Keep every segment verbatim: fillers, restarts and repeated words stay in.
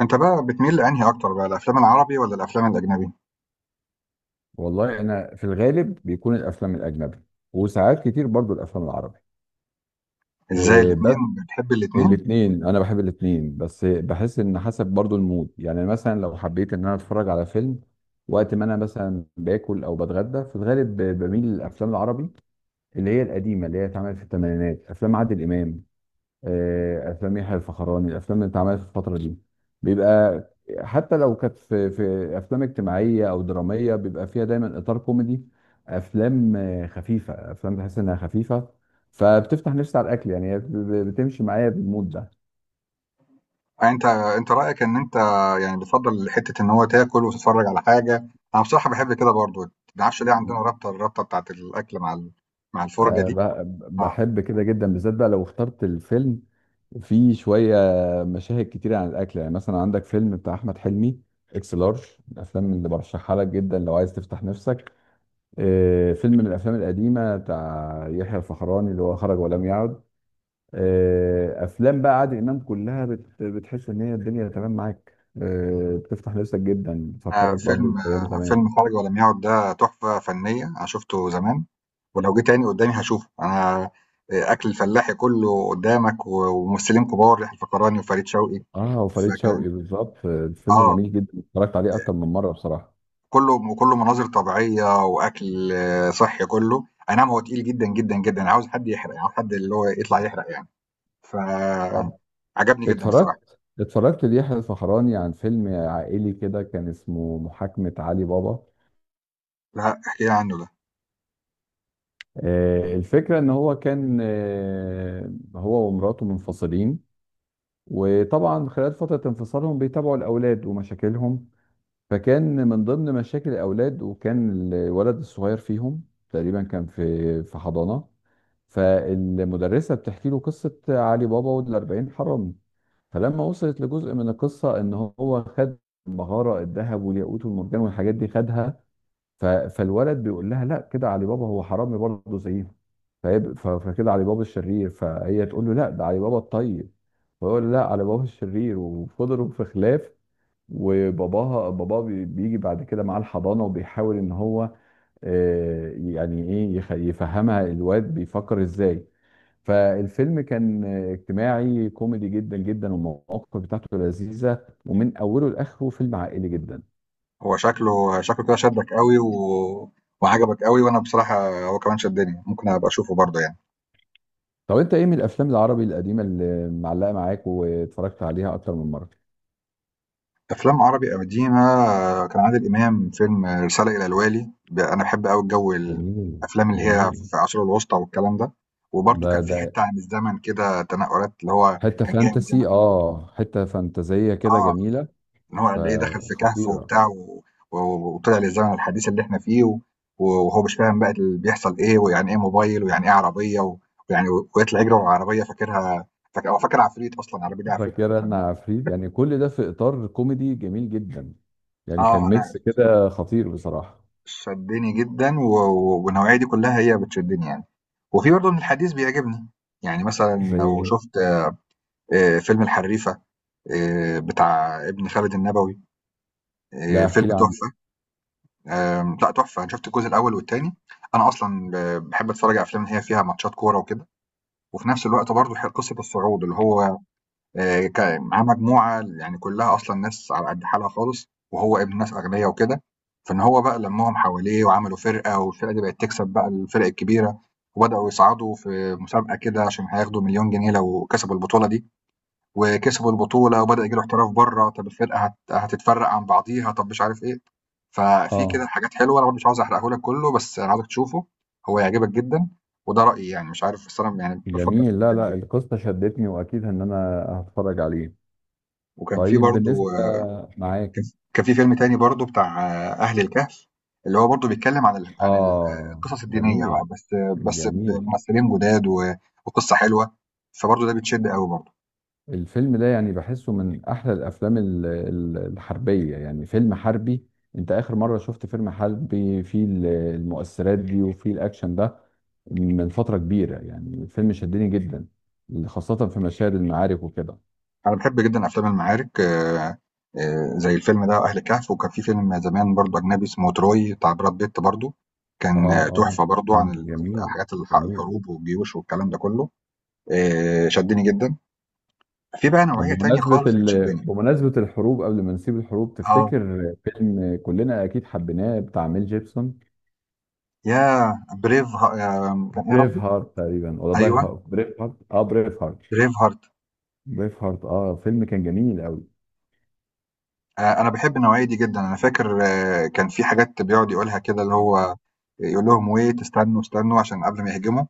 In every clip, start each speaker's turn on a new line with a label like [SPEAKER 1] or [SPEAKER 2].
[SPEAKER 1] أنت بقى بتميل لأنهي أكتر بقى الأفلام العربي والّا الأفلام الأجنبي؟
[SPEAKER 2] والله انا في الغالب بيكون الافلام الاجنبي، وساعات كتير برضو الافلام العربي.
[SPEAKER 1] إزاي
[SPEAKER 2] إيه،
[SPEAKER 1] الاتنين
[SPEAKER 2] بس
[SPEAKER 1] بتحب الاتنين؟
[SPEAKER 2] الاثنين، انا بحب الاثنين، بس بحس ان حسب برضو المود. يعني مثلا لو حبيت ان انا اتفرج على فيلم وقت ما انا مثلا باكل او بتغدى، في الغالب ب- بميل للافلام العربي، اللي هي القديمه، اللي هي اتعملت في الثمانينات، افلام عادل امام، آه، افلام يحيى الفخراني، الافلام اللي اتعملت في الفتره دي بيبقى حتى لو كانت في في افلام اجتماعيه او دراميه بيبقى فيها دايما اطار كوميدي. افلام آه، خفيفه، افلام تحس انها خفيفه، فبتفتح نفسي على الاكل. يعني هي ب- ب- بتمشي معايا بالمود ده.
[SPEAKER 1] آه، أنت أنت رأيك إن أنت يعني بتفضل حتة إن هو تاكل وتتفرج على حاجة. أنا بصراحة باحب كده برضه، ما اعرفش ليه عندنا رابطة الرابطة بتاعة الأكل مع ال مع الفرجة
[SPEAKER 2] آه،
[SPEAKER 1] دي.
[SPEAKER 2] ب-
[SPEAKER 1] آه
[SPEAKER 2] بحب كده جدا، بالذات بقى لو اخترت الفيلم فيه شويه مشاهد كتيره عن الاكل. يعني مثلا عندك فيلم بتاع احمد حلمي، اكس لارج، الافلام اللي برشحها لك جدا لو عايز تفتح نفسك. آه، فيلم من الافلام القديمه بتاع يحيى الفخراني، اللي هو خرج ولم يعد. آه، افلام بقى عادل امام كلها بت- بتحس ان هي الدنيا تمام معاك. آه، بتفتح نفسك جدا،
[SPEAKER 1] أنا
[SPEAKER 2] بتفكرك برضه
[SPEAKER 1] فيلم
[SPEAKER 2] بايام
[SPEAKER 1] آه،
[SPEAKER 2] زمان.
[SPEAKER 1] فيلم خارج ولم يعد ده تحفة فنية، أنا شُفته زمان ولو جه تاني قدامي هاشوفه. أنا آه، أكل الفلاحي كله قدامك و وممثلين كبار يحيى الفخراني وفريد شوقي،
[SPEAKER 2] اه، وفريد
[SPEAKER 1] فكان
[SPEAKER 2] شوقي بالظبط. آه، الفيلم
[SPEAKER 1] آه.
[SPEAKER 2] جميل جدا، اتفرجت عليه اكتر من مره بصراحه.
[SPEAKER 1] كله وكله مناظر طبيعية وأكل آه، صحي كله. أي نعم هو تقيل جدا جدا جدا، أنا عاوز حد يحرق، يعني عاوز حد اللي هو يطلع يحرق يعني.
[SPEAKER 2] طب
[SPEAKER 1] فعجبني جدا الصراحة.
[SPEAKER 2] اتفرجت اتفرجت ليحيى الفخراني عن فيلم عائلي كده، كان اسمه محاكمة علي بابا.
[SPEAKER 1] لا احكي لي عنه ده.
[SPEAKER 2] آه، الفكرة ان هو كان، آه، هو ومراته منفصلين، وطبعا خلال فترة انفصالهم بيتابعوا الأولاد ومشاكلهم. فكان من ضمن مشاكل الأولاد، وكان الولد الصغير فيهم تقريبا كان في في حضانة، فالمدرسة بتحكي له قصة علي بابا والأربعين حرامي. فلما وصلت لجزء من القصة إن هو خد المهارة، الذهب والياقوت والمرجان والحاجات دي خدها، ف- فالولد بيقول لها لا، كده علي بابا هو حرامي برضه زيه، فيب- ف- فكده علي بابا الشرير، فهي تقول له لا، ده علي بابا الطيب، فيقول لا، علي بابا الشرير، وفضلوا في خلاف. وباباها باباه بي- بيجي بعد كده معاه الحضانه، وبيحاول ان هو، آه، يعني ايه، يخ- يفهمها الواد بيفكر ازاي. فالفيلم كان آه، اجتماعي كوميدي جدا جدا، والمواقف بتاعته لذيذه، ومن اوله لاخره فيلم عائلي جدا.
[SPEAKER 1] هو شكله شكله كده شدك قوي و... وعجبك قوي، وأنا بصراحة هو كمان شدني، ممكن أبقى أشوفه برضه يعني.
[SPEAKER 2] طب انت ايه من الافلام العربي القديمه اللي معلقه معاك واتفرجت عليها اكتر من مره؟
[SPEAKER 1] أفلام عربي قديمة، آه، كان عادل إمام، فيلم آه، رسالة إلى الوالي. ب- أنا بحب قوي الجو،
[SPEAKER 2] جميل،
[SPEAKER 1] الأفلام اللي هي
[SPEAKER 2] جميل.
[SPEAKER 1] في العصور الوسطى والكلام ده. وبرضه
[SPEAKER 2] ده
[SPEAKER 1] كان في
[SPEAKER 2] ده
[SPEAKER 1] حتة عن الزمن كده، تنقلات اللي هو
[SPEAKER 2] حته
[SPEAKER 1] كان جاي من زمان.
[SPEAKER 2] فانتسي اه حته فانتازيه كده
[SPEAKER 1] اه،
[SPEAKER 2] جميله،
[SPEAKER 1] ان هو اللي ايه دخل في كهف
[SPEAKER 2] فخطيره.
[SPEAKER 1] وبتاع و... و... وطلع للزمن الحديث اللي احنا فيه. و... وهو مش فاهم بقى اللي بيحصل ايه، ويعني ايه موبايل، ويعني ايه عربيه. و... ويعني و- ويطلع يجري ورا عربيه فاكرها. فاكر، هو فاكر عفريت، اصلا العربيه دي عفريت
[SPEAKER 2] فاكره
[SPEAKER 1] اساسا
[SPEAKER 2] ان
[SPEAKER 1] يعني.
[SPEAKER 2] عفريت، يعني كل ده في اطار كوميدي جميل جدا. يعني كان
[SPEAKER 1] اه، انا
[SPEAKER 2] ميكس كده خطير بصراحه.
[SPEAKER 1] شدني جدا و... و- والنوعيه دي كلها هي بتشدني يعني. وفي برضه من الحديث بيعجبني، يعني مثلا لو
[SPEAKER 2] زي،
[SPEAKER 1] شفت آه، فيلم الحريفه، آه، بتاع ابن خالد النبوي، آه،
[SPEAKER 2] لا
[SPEAKER 1] فيلم
[SPEAKER 2] احكي لي عنه.
[SPEAKER 1] تحفه. آمم، لأ تحفة، أنا شُفت الجزء الأول والتاني. أنا أصلًا ب باحب أتفرّج على أفلام اللي هي فيها ماتشات كورة وكده، وفي نفس الوقت برضه ح قصة الصعود اللي هو آآ، ك معاه مجموعة يعني كلّها أصلًا ناس على قد حالها خالص، وهو ابن ناس أغنيا وكده. فإن هو بقى لمّاهم حواليه وعملوا فرقة، والفرقة دي بقت تكسب بقى الفرق الكبيرة، وبدأوا يصعدوا في مسابقة كده عشان هياخدوا مليون جنيه لو كسبوا البطولة دي. وكسبوا البطولة وبدأ ييجي له احتراف برّه، طَب الفرقة هت هتتفرّق عن بعضيها، طَب مش عارف إيه. ففي
[SPEAKER 2] اه،
[SPEAKER 1] كده حاجات حلوة، أنا برضه مش عاوز أحرقه لك كله، بس أنا عاوزك تشوفه، هو هيعجبك جدًا. وده رأيي يعني مش عارف، بس أنا يعني بافضّل.
[SPEAKER 2] جميل. لا لا، القصه شدتني، واكيد ان انا هتفرج عليه.
[SPEAKER 1] وكان في
[SPEAKER 2] طيب
[SPEAKER 1] برضه
[SPEAKER 2] بالنسبه،
[SPEAKER 1] آه،
[SPEAKER 2] معاك.
[SPEAKER 1] كان ف كان في فيلم تاني برضه بتاع آه، أهل الكهف، اللي هو برضه بيتكلّم عن ال عن ال آه،
[SPEAKER 2] آه،
[SPEAKER 1] القصص الدينية بقى.
[SPEAKER 2] جميل،
[SPEAKER 1] بس بس
[SPEAKER 2] جميل.
[SPEAKER 1] بممثلين جداد و وقصة حلوة، فبرضه ده بتشد أوي برضه.
[SPEAKER 2] الفيلم ده يعني بحسه من أحلى الأفلام ال- ال- الحربية، يعني فيلم حربي. أنت آخر مرة شفت فيلم حربي فيه ال- المؤثرات دي، وفيه الأكشن ده؟ من فترة كبيرة. يعني الفيلم شدني جدا، خاصة في مشاهد المعارك وكده.
[SPEAKER 1] انا بحب جدا افلام المعارك. آه، آه، زي الفيلم ده اهل كهف، وكان في فيلم زمان برضو اجنبي اسمه تروي بتاع براد بيت برضو،
[SPEAKER 2] آه،
[SPEAKER 1] كان آه، تحفه
[SPEAKER 2] آه،
[SPEAKER 1] برضو عن
[SPEAKER 2] مم،
[SPEAKER 1] ال-
[SPEAKER 2] جميل،
[SPEAKER 1] حاجات الح-
[SPEAKER 2] جميل.
[SPEAKER 1] الحروب والجيوش والكلام ده كله. آه، شدني جدا. في بقى
[SPEAKER 2] طب
[SPEAKER 1] نوعيه تانية
[SPEAKER 2] بمناسبة
[SPEAKER 1] خالص
[SPEAKER 2] ال...
[SPEAKER 1] بتشدني.
[SPEAKER 2] بمناسبة الحروب، قبل ما نسيب الحروب،
[SPEAKER 1] اه،
[SPEAKER 2] تفتكر فيلم كلنا أكيد حبيناه بتاع ميل جيبسون؟
[SPEAKER 1] يا بريف ها... آه، كان ايه يا
[SPEAKER 2] بريف
[SPEAKER 1] ربي.
[SPEAKER 2] هارت تقريبا، ولا داي
[SPEAKER 1] ايوه
[SPEAKER 2] هارت؟ بريف هارت، اه، بريف هارت.
[SPEAKER 1] بريف هارت.
[SPEAKER 2] بريف هارت، اه، فيلم كان جميل قوي.
[SPEAKER 1] آآ أنا باحب النوعية دي جدًا. أنا فاكر آه، كان في حاجات بيقعد يقولها كده اللي هو يقول لهم wait، استنوا، استنوا عشان قبل ما يهجموا،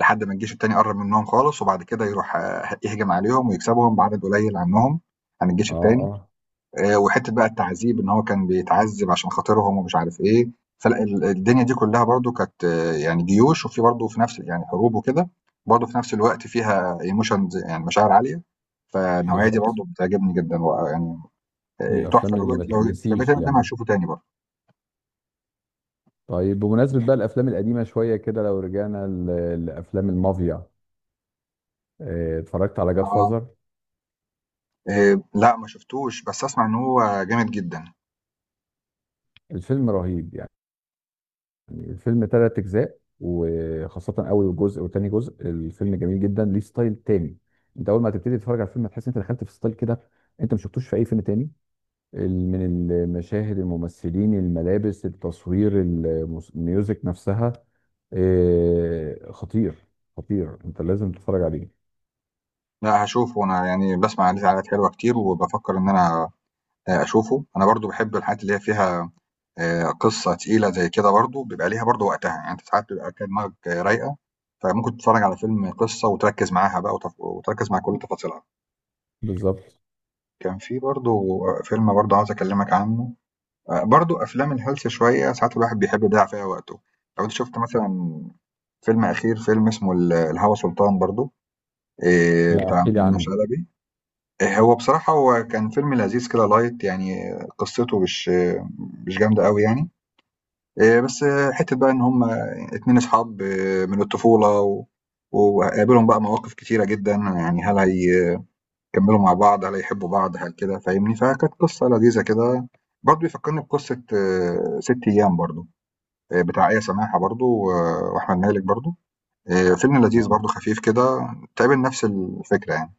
[SPEAKER 1] لحد ما الجيش التاني قرّب منّهم خالص، وبعد كده يروح آه، يهجم عليهم ويكسبهم بعدد قليل عنّهم، عن الجيش
[SPEAKER 2] اه،
[SPEAKER 1] التاني.
[SPEAKER 2] اه،
[SPEAKER 1] آآ وحتّة بقى التعذيب إن هو كان بيتعذّب عشان خاطرهم ومش عارف إيه. فلأ ال الدنيا دي كلّها برضه كانت آه، يعني جيوش، وفي برضه في نفس يعني حروب وكده، برضه في نفس الوقت فيها emotions، يعني مشاعر عالية. فالنوعية دي
[SPEAKER 2] بالظبط.
[SPEAKER 1] برضه بتعجبني جدًا ويعني
[SPEAKER 2] من
[SPEAKER 1] آه، تحفه.
[SPEAKER 2] الافلام
[SPEAKER 1] لو
[SPEAKER 2] اللي ما
[SPEAKER 1] جيت لو جيت لو جيت
[SPEAKER 2] تتنسيش
[SPEAKER 1] أنا قدامي
[SPEAKER 2] يعني.
[SPEAKER 1] هشوفه تاني برضه.
[SPEAKER 2] طيب بمناسبه بقى الافلام القديمه شويه كده، لو رجعنا ل- لافلام المافيا، آه، اتفرجت على جاد
[SPEAKER 1] اه،
[SPEAKER 2] فازر؟
[SPEAKER 1] آه، لا ما شفتوش بس اسمع ان هو جامد جدا.
[SPEAKER 2] الفيلم رهيب يعني. الفيلم ثلاث اجزاء، وخاصه اول جزء وتاني جزء، الفيلم جميل جدا، ليه ستايل تاني. انت اول ما تبتدي تتفرج على الفيلم هتحس انت دخلت في ستايل كده انت ما شفتوش في اي فيلم تاني. ال- من المشاهد، الممثلين، الملابس، التصوير، الموس- الميوزك نفسها. آه، خطير، خطير، انت لازم تتفرج عليه.
[SPEAKER 1] لا هشوفه انا يعني، بسمع عليه حاجات حلوه كتير وبفكر ان انا آه، اشوفه. انا برضو بحب الحاجات اللي هي فيها آه، قصه تقيله زي كده، برضو بيبقى ليها برضو وقتها يعني، انت ساعات بيبقى كده دماغك آه، رايقه، فممكن تتفرج على فيلم قصه وتركز معاها بقى وتف... وتركز مع كل تفاصيلها.
[SPEAKER 2] بالظبط.
[SPEAKER 1] كان في برضو فيلم برضو عاوز اكلمك عنه. آه، برضو افلام الهلس شويه، ساعات الواحد بيحب يضيع فيها وقته. لو انت شفت مثلا فيلم أخير فيلم اسمه ال الهوى سلطان برضه، آآ
[SPEAKER 2] لا
[SPEAKER 1] بتاع
[SPEAKER 2] احكي لي
[SPEAKER 1] منة
[SPEAKER 2] عنه.
[SPEAKER 1] شلبي. آآ هو بصراحة هو كان فيلم لذيذ كده light، يعني قصته مش مش جامدة أوي يعني. آآ بس حتّة بقى إن هم اتنين أصحاب إيه، من الطفولة، و وقابلهم بقى مواقف كتيرة جدًا، يعني هل هيكمّلوا مع بعض، هل هيحبّوا بعض، هل كده فاهمني؟ فكانت قصة لذيذة كده. برضه بيفكّرني بقصة ست أيام برضه، آآ بتاع آية سماحة برضه و وأحمد مالك برضه. آه، فيلم لذيذ
[SPEAKER 2] تمام.
[SPEAKER 1] برضه خفيف كده، تقابل نفس الفكرة يعني.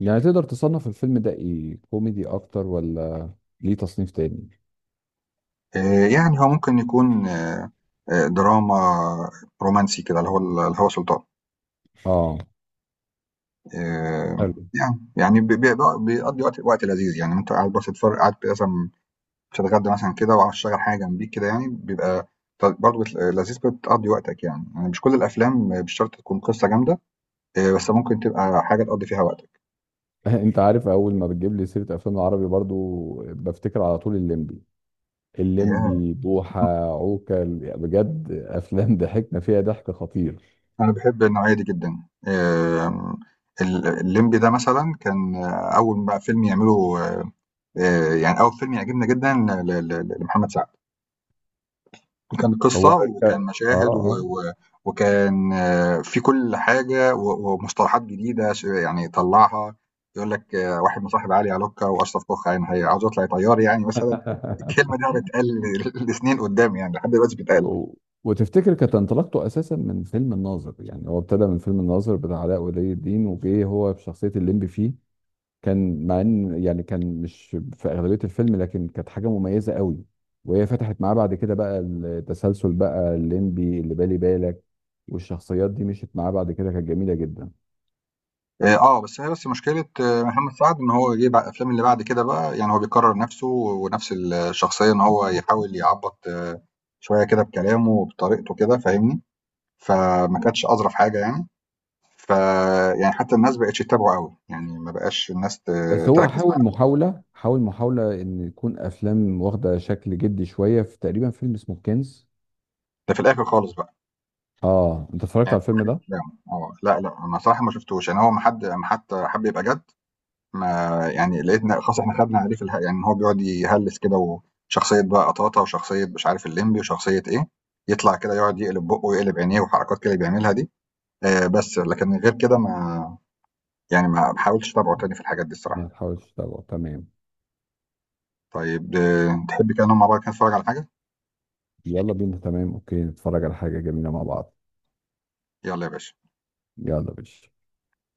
[SPEAKER 2] يعني تقدر تصنف الفيلم ده ايه، كوميدي اكتر ولا ليه تصنيف تاني؟
[SPEAKER 1] آه، يعني هو ممكن يكون آه، آه، دراما رومانسي كده، اللي هو الهوى سلطان.
[SPEAKER 2] اه،
[SPEAKER 1] آه،
[SPEAKER 2] حلو.
[SPEAKER 1] يعني يعني بي- بي- بيقضي وقت وقت لذيذ يعني، انت قاعد بس تتفرج، قاعد مثلا بتتغدى مثلا كده وعاوز تشغل حاجة جنبيك كده، يعني بيبقى برضه لذيذ بتقضي وقتك يعني. يعني مش كل الأفلام مش شرط تكون قصة جامدة، آه، بس ممكن تبقى حاجة تقضي فيها وقتك.
[SPEAKER 2] انت عارف اول ما بتجيب لي سيره افلام العربي برضو بفتكر على طول الليمبي،
[SPEAKER 1] آه،
[SPEAKER 2] الليمبي بوحة، عوكل. بجد افلام ضحكنا فيها ضحك خطير.
[SPEAKER 1] أنا باحب النوعية دي جدًا. آمم، ال الليمبي ده مثلًا كان آه، أول ما فيلم يعمله، آآ يعني أول فيلم يعجبني جدًا ل ل ل لمحمد سعد. وكان
[SPEAKER 2] هو
[SPEAKER 1] قصة
[SPEAKER 2] ك-
[SPEAKER 1] وكان
[SPEAKER 2] اه،
[SPEAKER 1] مشاهد و
[SPEAKER 2] اه.
[SPEAKER 1] و وكان آه، في كل حاجة و ومصطلحات جديدة ش يعني طلّعها. يقول لك آه، واحد مصاحب علي علوكة وأشرف كوخ عين هي عاوز يطلع طيار يعني مثلًا. الكلمة دي هتتقال لسنين قدّام يعني، لحد دلوقتي بتتقال.
[SPEAKER 2] و- وتفتكر كانت انطلاقته اساسا من فيلم الناظر؟ يعني هو ابتدى من فيلم الناظر بتاع علاء ولي الدين، وجه هو بشخصيه الليمبي فيه. كان مع ان يعني كان مش في اغلبيه الفيلم، لكن كانت حاجه مميزه قوي، وهي فتحت معاه بعد كده بقى التسلسل بقى الليمبي اللي بالي بالك، والشخصيات دي مشيت معاه بعد كده، كانت جميله جدا.
[SPEAKER 1] آآ آه، بس هي بس مشكلة آه، محمد سعد إن هو جه بع الأفلام اللي بعد كده بقى، يعني هو بيكرّر نَفْسه ونَفْس الشخصية، إن هو يحاول يعبّط آه، شوية كده بكلامه وبطريقته كده فاهمني. فما كانتش أظرف حاجة يعني. فيعني حتى الناس ما بقتش تتابعه أوي، يعني ما بقاش الناس ت
[SPEAKER 2] بس هو
[SPEAKER 1] تركّز
[SPEAKER 2] حاول
[SPEAKER 1] معاه،
[SPEAKER 2] محاوله حاول محاوله ان يكون افلام واخده شكل جدي شويه في تقريبا فيلم اسمه كنز.
[SPEAKER 1] ده في الآخر خالص بقى،
[SPEAKER 2] اه، انت اتفرجت
[SPEAKER 1] يعني
[SPEAKER 2] على
[SPEAKER 1] في
[SPEAKER 2] الفيلم
[SPEAKER 1] آخر
[SPEAKER 2] ده؟
[SPEAKER 1] كلامه. آه، لأ، لأ، أنا صراحة ما شُفتوش. يعني هو ما حد أمّا حتى حَب يبقى جَد ما، يعني لقيتنا خلاص إحنا خدنا عليه في اله، يعني إن هو بيقعد يهلِّس كده، وشخصية بقى قطاطا وشخصية مش عارف اللمبي وشخصية إيه، يطلع كده يقعد يقلب بُقّه ويقلب عينيه وحركات كده بيعملها دي. آآ بس، لكن غير كده ما يعني ما ما حاولتش أتابعه تاني في الحاجات دي
[SPEAKER 2] ما
[SPEAKER 1] الصراحة.
[SPEAKER 2] تحاولش تتابعه، تمام.
[SPEAKER 1] طيب آه، تحب كده نقعد مع بعض كده نتفرّج على حاجة؟
[SPEAKER 2] يلا بينا، تمام، اوكي، نتفرج على حاجة جميلة مع بعض.
[SPEAKER 1] يالّا يا باشا.
[SPEAKER 2] يلا بينا.